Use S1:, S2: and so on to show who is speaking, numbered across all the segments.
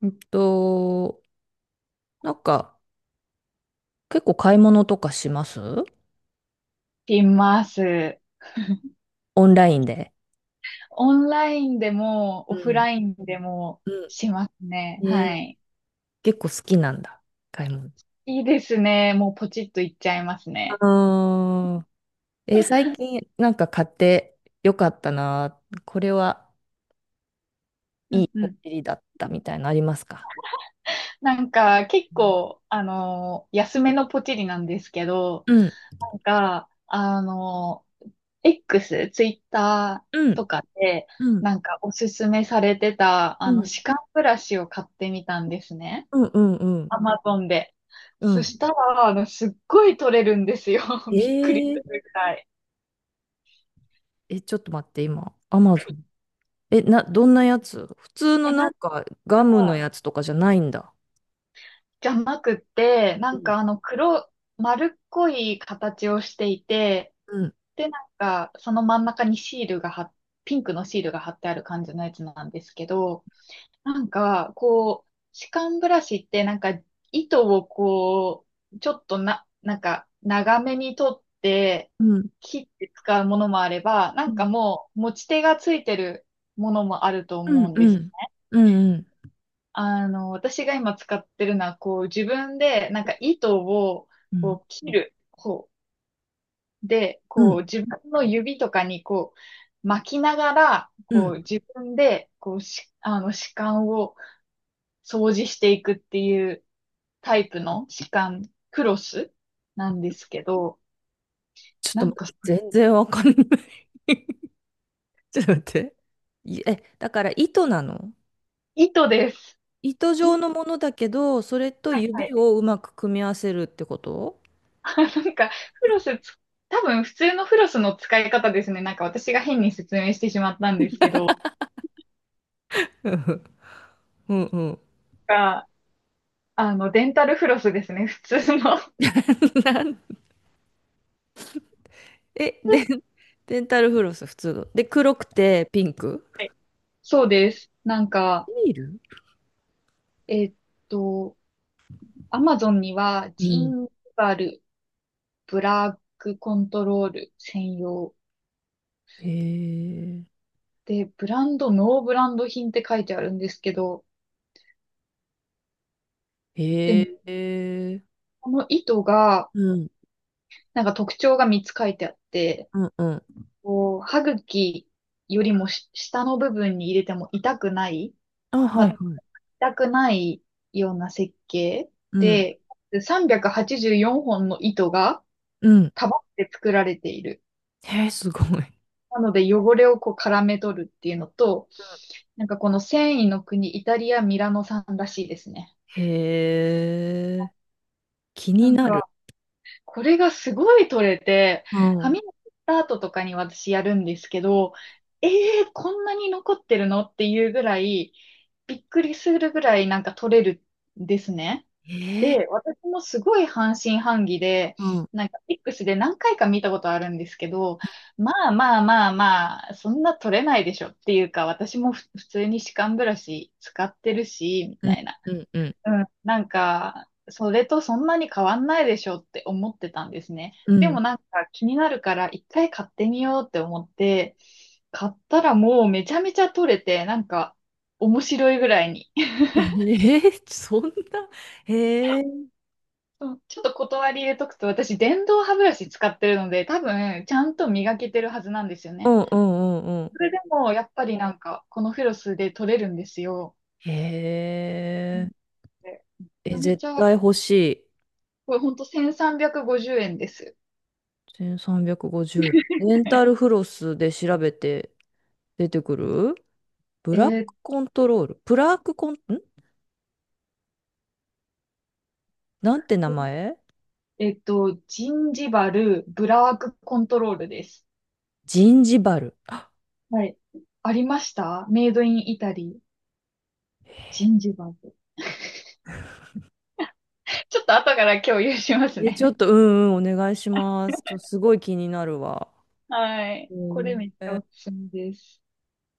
S1: うんと、なんか、結構買い物とかします、
S2: します。
S1: オンラインで。
S2: オンラインでも、
S1: う
S2: オフ
S1: ん。
S2: ラインでも
S1: う
S2: しますね。
S1: ん。
S2: は
S1: えー、
S2: い。
S1: 結構好きなんだ、買い物。
S2: いいですね。もうポチッといっちゃいます
S1: あ
S2: ね。
S1: あ、最近なんか買ってよかったな、これは
S2: う
S1: いい
S2: んう
S1: こ
S2: ん。
S1: っりだったみたいなのありますか？
S2: なんか、結
S1: うん、
S2: 構、安めのポチリなんですけど、
S1: うん、
S2: なんか、X、ツイッタ
S1: う
S2: ー
S1: ん、
S2: とかで、
S1: うん、
S2: なんかおすすめされてた、
S1: う
S2: あの、
S1: ん、
S2: 歯間ブラシを買ってみたんですね。
S1: うん、うん。
S2: アマゾンで。
S1: う
S2: そし
S1: ん。
S2: たら、あの、すっごい取れるんですよ。びっくり
S1: え
S2: す
S1: ー、
S2: るくらい。
S1: え、ちょっと待って、今、アマゾン。え、どんなやつ、普通の
S2: え、
S1: なんかガムの
S2: か、
S1: やつとかじゃないんだ。
S2: じゃなくて、な
S1: う
S2: ん
S1: ん、
S2: かあの黒、丸っこい形をしていて、で、なんか、その真ん中にシールが貼っ、ピンクのシールが貼ってある感じのやつなんですけど、なんか、こう、歯間ブラシってなんか、糸をこう、ちょっとなんか、長めに取って、
S1: うん。
S2: 切って使うものもあれば、な
S1: う
S2: ん
S1: ん。
S2: かもう、持ち手がついてるものもあると
S1: う
S2: 思う
S1: ん。
S2: ん
S1: う
S2: です。
S1: ん。うん。
S2: あの、私が今使ってるのは、こう、自分で、なんか糸を、
S1: うん。
S2: こう、切る方で、
S1: う
S2: こう、
S1: ん。
S2: 自分の指とかに、こう、巻きながら、
S1: う
S2: こう、
S1: ん、
S2: 自分で、あの、歯間を掃除していくっていうタイプの歯間クロスなんですけど、
S1: ちょっ
S2: な
S1: と
S2: ん
S1: 待っ
S2: か、
S1: て、全然わかんない。 ちょっと待って。いえ、だから糸なの？
S2: 糸です。
S1: 糸
S2: い
S1: 状のものだけど、それと
S2: はいは
S1: 指
S2: い。
S1: をうまく組み合わせるってこと？
S2: なんか、フロスつ、多分普通のフロスの使い方ですね。なんか私が変に説明してしまったんですけど、
S1: うんうんうん。
S2: あの、デンタルフロスですね、普通の。は
S1: なんえ、で、デンタルフロス普通の。で、黒くてピンク。
S2: い、そうです。なんか、
S1: ビール。
S2: えーっと、アマゾンには、
S1: う
S2: ジー
S1: ん。
S2: ンバルブラックコントロール専用
S1: へえ。
S2: で、ブランド、ノーブランド品って書いてあるんですけど、でも、
S1: へえ。
S2: この糸が、
S1: うん。
S2: なんか特徴が3つ書いてあって、
S1: うんうん。
S2: こう、歯茎より下の部分に入れても痛くない、
S1: あ、
S2: ま
S1: はいは
S2: あ、
S1: い。
S2: 痛くないような設計
S1: うん。
S2: で、384本の糸が、
S1: うん。
S2: かばって作られている。
S1: へえ、すごい。
S2: なので汚れをこう絡め取るっていうのと、なんかこの繊維の国、イタリア・ミラノ産らしいですね。
S1: へえ、気に
S2: なん
S1: なる。
S2: か、これがすごい取れて、
S1: うん、うん、
S2: 髪の切った後とかに私やるんですけど、ええー、こんなに残ってるのっていうぐらい、びっくりするぐらいなんか取れるんですね。
S1: ええ、
S2: で、私もすごい半信半疑で、
S1: うん。
S2: なんか X で何回か見たことあるんですけど、まあまあまあまあ、そんな取れないでしょっていうか、私も普通に歯間ブラシ使ってるし、み
S1: う
S2: た
S1: ん、
S2: いな。
S1: うん、うん、
S2: うん。なんか、それとそんなに変わんないでしょって思ってたんですね。
S1: う
S2: で
S1: ん。
S2: もなんか気になるから一回買ってみようって思って、買ったらもうめちゃめちゃ取れて、なんか面白いぐらいに。
S1: ええ、そんな、へえ、
S2: そうちょっと断り入れとくと、私、電動歯ブラシ使ってるので、多分、ちゃんと磨けてるはずなんですよ
S1: う
S2: ね。
S1: ん、うん、うん、うん。
S2: それでも、やっぱりなんか、このフロスで取れるんですよ。
S1: へ
S2: う
S1: え、
S2: ん、でめち
S1: え、
S2: ゃめ
S1: 絶
S2: ちゃ、
S1: 対欲しい。
S2: これほんと1350円です。
S1: 1350円。レンタルフロスで調べて出てくるブ
S2: え
S1: ラック
S2: ーっ
S1: コントロール。ブラックコン、んなんて名
S2: と、
S1: 前？
S2: ジンジバルブラワークコントロールです。
S1: ジンジバル。
S2: はい。ありました、メイドインイタリー、ジンジバル。ちょっと後から共有します
S1: え、ちょっ
S2: ね。
S1: と、うんうん、お願いします。すごい気になるわ。
S2: はい。これめっちゃお
S1: え、
S2: すすめです。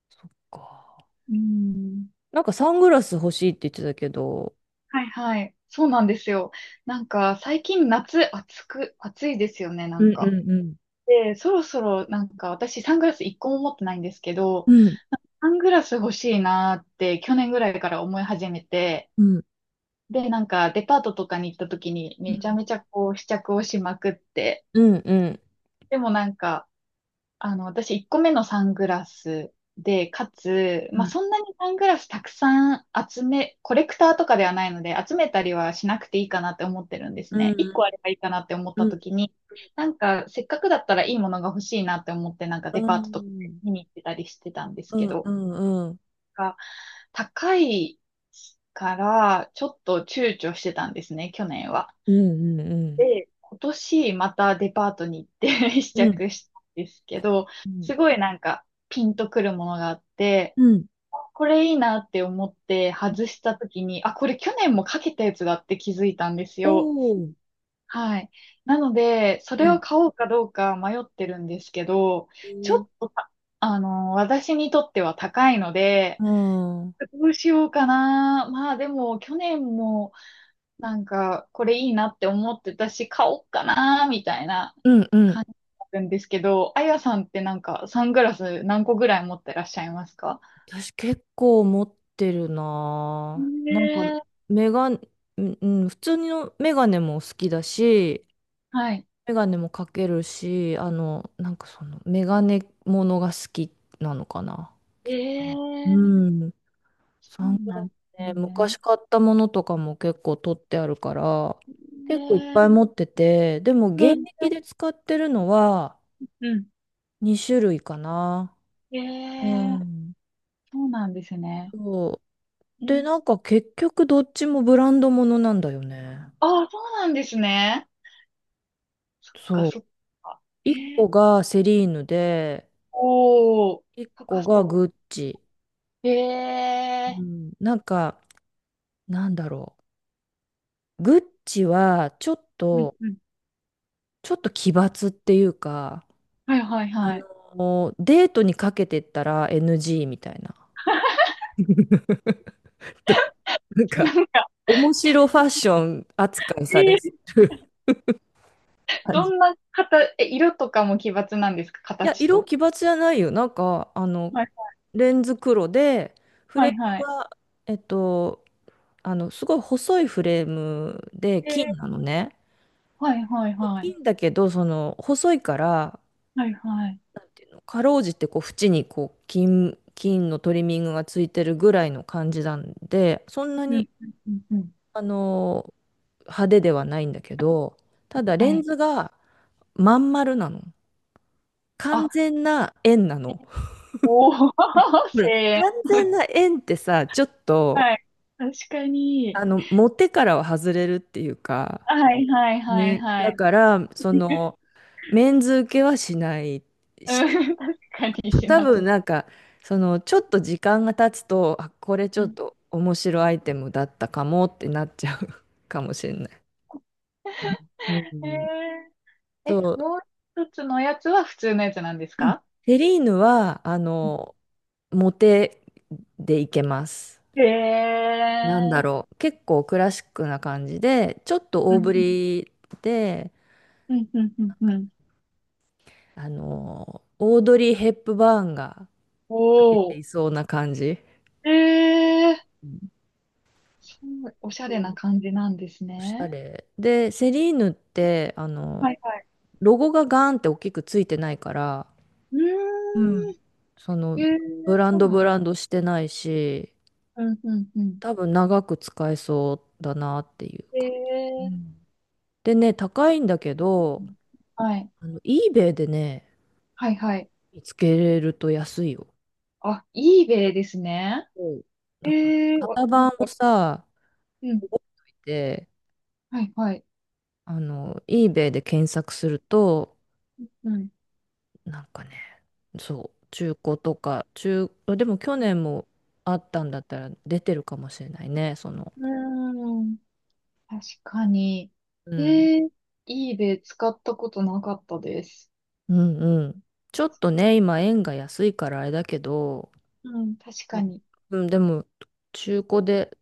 S1: そっか。
S2: うん。
S1: なんかサングラス欲しいって言ってたけど、
S2: はいはい。そうなんですよ。なんか最近夏暑く、暑いですよね、な
S1: う
S2: ん
S1: んう
S2: か。
S1: んうん。
S2: で、そろそろなんか私サングラス一個も持ってないんですけど、
S1: うん。
S2: サングラス欲しいなーって去年ぐらいから思い始めて、
S1: うん。
S2: で、なんかデパートとかに行った時に
S1: う
S2: めちゃ
S1: ん
S2: めちゃこう試着をしまくって、
S1: うん。
S2: でもなんかあの、私1個目のサングラスで、かつ、
S1: う
S2: まあ、
S1: ん。
S2: そんなにサングラスたくさん集め、コレクターとかではないので、集めたりはしなくていいかなって思ってるんです
S1: うん。
S2: ね。1
S1: うん。
S2: 個あればいいかなって思った時に、なんか、せっかくだったらいいものが欲しいなって思って、なんかデ
S1: う
S2: パートとか
S1: ん。
S2: 見に行ってたりしてたんです
S1: う
S2: け
S1: ん
S2: ど、
S1: うんうん。
S2: が高いから、ちょっと躊躇してたんですね、去年は。
S1: うんうんうん。
S2: で、今年またデパートに行って 試
S1: うん。
S2: 着したんですけど、
S1: うん。
S2: すごいなんかピンとくるものがあって、
S1: うん。
S2: これいいなって思って外した時に、あ、これ去年もかけたやつだって気づいたんです
S1: お
S2: よ。
S1: お。
S2: はい。なので、そ
S1: う
S2: れを
S1: ん。
S2: 買おうかどうか迷ってるんですけど、
S1: え
S2: ちょ
S1: ー、
S2: っとた、あの、私にとっては高いので、
S1: うん。うん
S2: どうしようかな。まあでも、去年も、なんか、これいいなって思ってたし、買おうかなーみたい
S1: うんうんうんうんうんうんうんうんうんおおうんえうん
S2: な
S1: うんうん。
S2: 感じなんですけど、あやさんってなんか、サングラス何個ぐらい持ってらっしゃいますか？
S1: 私結構持ってるな
S2: ね
S1: ぁ。なんか、
S2: え、
S1: メガネ、うん、うん、普通のメガネも好きだし、
S2: はい。
S1: メガネもかけるし、なんかその、メガネものが好きなのかな、き
S2: え、
S1: っと。
S2: え
S1: う
S2: え、
S1: ん。
S2: そ
S1: サン
S2: う
S1: グラ
S2: なんで
S1: ス
S2: す
S1: ね、
S2: ね。
S1: 昔買ったものとかも結構取ってあるから、結構いっ
S2: ね
S1: ぱい
S2: え、
S1: 持ってて、でも
S2: う
S1: 現
S2: ん。
S1: 役で使ってるのは
S2: うん。
S1: 2種類かな。
S2: え、え
S1: う
S2: え、
S1: ん。
S2: そうなんですね。
S1: そう。
S2: え
S1: で、
S2: え、
S1: なんか結局どっちもブランドものなんだよね。
S2: ああ、そうなんですね。そっか、
S1: そう。
S2: そっか。え
S1: 1個
S2: え、
S1: がセリーヌで、
S2: おお、
S1: 1
S2: 高
S1: 個が
S2: そ
S1: グッチ。
S2: う。え
S1: う
S2: え、
S1: ん、なんか、なんだろう。グッチは、ちょっ
S2: うん
S1: と、
S2: うん。
S1: ちょっと奇抜っていうか、
S2: はいはい
S1: あ
S2: はい。
S1: デートにかけてったら NG みたいな。どなんか、
S2: なんか、
S1: 面白ファッション扱いされ
S2: ええ、
S1: る感
S2: ど
S1: じ。
S2: ん
S1: い
S2: な方、え、色とかも奇抜なんですか、
S1: や、
S2: 形
S1: 色
S2: と？
S1: 奇抜じゃないよ。なんか、
S2: はい、
S1: レンズ黒で、フ
S2: は
S1: レー
S2: いは
S1: ム
S2: い。
S1: が、えっと、すごい細いフレームで、金
S2: え
S1: なのね。
S2: ー、はいはいはい。
S1: 金だけど、その、細いから、
S2: はいはい。
S1: かろうじてこう縁にこう金、金のトリミングがついてるぐらいの感じなんで、そんな
S2: うん、
S1: に
S2: うん、うんうん。
S1: あの派手ではないんだけど、ただ
S2: は
S1: レン
S2: い。
S1: ズがまん丸なの。完
S2: あ、
S1: 全な円な
S2: え、
S1: の。
S2: おー、
S1: ほ ら、
S2: 声援。
S1: 完全な円ってさ、ちょっと
S2: はい。確かに。
S1: 持ってからは外れるっていうか、
S2: はいはいはい
S1: ね、
S2: は
S1: だ
S2: い。
S1: から、その、メンズ受けはしない
S2: う
S1: し、
S2: ん、確かにし
S1: 多
S2: なそ
S1: 分
S2: う。
S1: なんか、その、ちょっと時間が経つと、あ、これち
S2: う
S1: ょっ
S2: ん。
S1: と面白いアイテムだったかもってなっちゃう かもしれない。うん。
S2: えー、え、
S1: そう、
S2: もう一つのやつは普通のやつなんです
S1: うん、
S2: か？
S1: セリーヌは、モテでいけます。
S2: へえ
S1: なんだ
S2: ー。
S1: ろう、結構クラシックな感じで、ちょっと
S2: う
S1: 大
S2: ん、
S1: ぶりで、
S2: うん、うん、うん、うんうん。
S1: オードリー・ヘップバーンが、出
S2: お
S1: てい
S2: ー。
S1: そうな感じ。
S2: えー、
S1: うん。
S2: そう、おしゃ
S1: そ
S2: れな
S1: う、
S2: 感じなんです
S1: おしゃ
S2: ね。
S1: れ。で、セリーヌって、
S2: はいはい。
S1: ロゴがガーンって大きくついてないから、
S2: う
S1: う
S2: ー
S1: ん、
S2: ん。
S1: そ
S2: え
S1: の、
S2: ー、
S1: ブラン
S2: そう
S1: ド
S2: なん。
S1: ブランドしてないし、
S2: うん、うん、うん。
S1: 多分長く使えそうだなっていう
S2: え
S1: か。う
S2: ー、
S1: ん。でね、高いんだけど、
S2: はい。
S1: eBay でね、
S2: はい、はい。
S1: 見つけれると安いよ。
S2: あ、eBay ですね。
S1: そう、
S2: え
S1: だから、
S2: ー、わ、
S1: 型
S2: なん
S1: 番を
S2: か、
S1: さ、
S2: うん。
S1: 覚えておいて、
S2: はい、はい。
S1: eBay で検索すると、
S2: うん。
S1: なんかね、そう、中古とか、でも去年もあったんだったら出てるかもしれないね、その。
S2: うーん。確かに。
S1: う
S2: え
S1: ん。
S2: ー、eBay 使ったことなかったです。
S1: うんうん。ちょっとね、今円が安いからあれだけど、
S2: うん、確
S1: う
S2: か
S1: ん。
S2: に。
S1: うん、でも、中古で、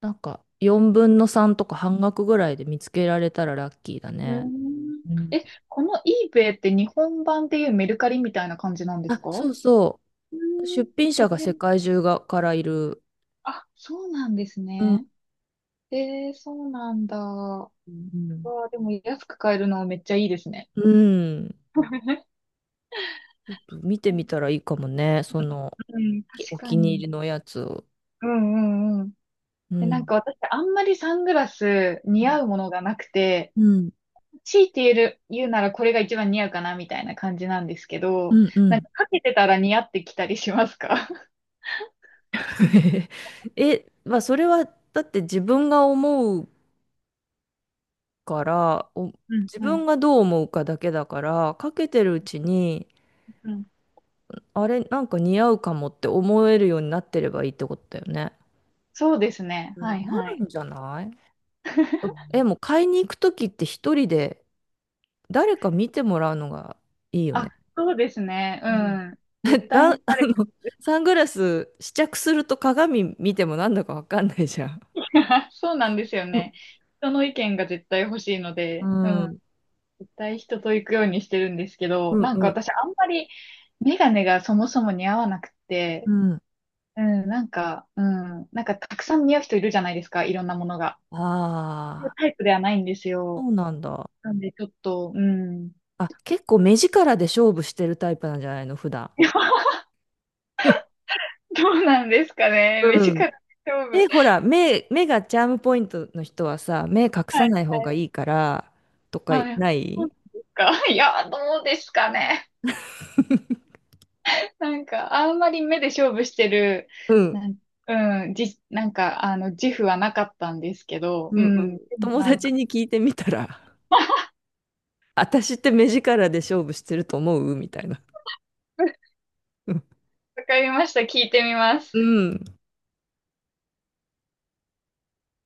S1: なんか、4分の3とか半額ぐらいで見つけられたらラッキーだ
S2: うー
S1: ね。
S2: ん。
S1: うん。
S2: え、この eBay って日本版でいうメルカリみたいな感じなんです
S1: あ、
S2: か？ー、
S1: そ
S2: う
S1: うそ
S2: ー
S1: う。
S2: ん。
S1: 出品者が世界中がからいる。
S2: あ、そうなんです
S1: うん。
S2: ね。えー、そうなんだ。わ
S1: うん
S2: あ、でも安く買えるのめっちゃいいですね。
S1: うん。
S2: う
S1: 見てみたらいいかもね。その、
S2: ん、確
S1: お
S2: か
S1: 気に
S2: に。
S1: 入りのやつを。
S2: うんうんうん。
S1: う
S2: で、なん
S1: ん。
S2: か私、あんまりサングラス似合うものがなくて、
S1: うん。
S2: 強いて言える、言うならこれが一番似合うかなみたいな感じなんですけ
S1: う
S2: ど、
S1: んう
S2: なん
S1: ん。
S2: かかけてたら似合ってきたりしますか？
S1: え、まあ、それは、だって自分が思うから、
S2: うん
S1: 自
S2: うん
S1: 分がどう思うかだけだから、かけてるうちに、
S2: うん。
S1: あれ、なんか似合うかもって思えるようになってればいいってことだよね。
S2: そうですね。
S1: う
S2: はい
S1: ん、な
S2: は
S1: る
S2: い。
S1: んじゃない？うん。 え、もう買いに行くときって、一人で誰か見てもらうのがいいよ
S2: あ、
S1: ね。
S2: そうですね。う
S1: うん。
S2: ん。絶 対
S1: ラ
S2: に。
S1: ン、あの、サングラス試着すると鏡見てもなんだかわかんないじゃん。
S2: そうなんですよ
S1: う
S2: ね。人の意見が絶対欲しいので、うん、
S1: ん。
S2: 絶対人と行くようにしてるんですけ
S1: う
S2: ど、
S1: ん
S2: なん
S1: う
S2: か
S1: ん
S2: 私あんまりメガネがそもそも似合わなく
S1: う
S2: て、
S1: ん。
S2: なんかたくさん似合う人いるじゃないですか、いろんなものが。
S1: ああ、
S2: タイプではないんです
S1: そ
S2: よ。
S1: うなんだ。
S2: なんでちょっと、うん。
S1: あ、結構目力で勝負してるタイプなんじゃないの、普段？
S2: どうなんですかね。目
S1: うん。
S2: 力 勝
S1: え、
S2: 負。
S1: ほら、目がチャームポイントの人はさ、目隠
S2: は
S1: さ
S2: い、
S1: ない方
S2: はい。
S1: がいいから、とか
S2: はい。
S1: な
S2: そ
S1: い？
S2: うですか。いや、どうですかね。なんか、あんまり目で勝負してる、
S1: うん。
S2: なん、うん、じ、なんか、あの、自負はなかったんですけど、
S1: う
S2: う
S1: んうん。
S2: ん、でも
S1: 友
S2: なん
S1: 達
S2: か、
S1: に聞いてみたら、私って目力で勝負してると思うみたいな。う
S2: わかりました。聞いてみます。
S1: ん。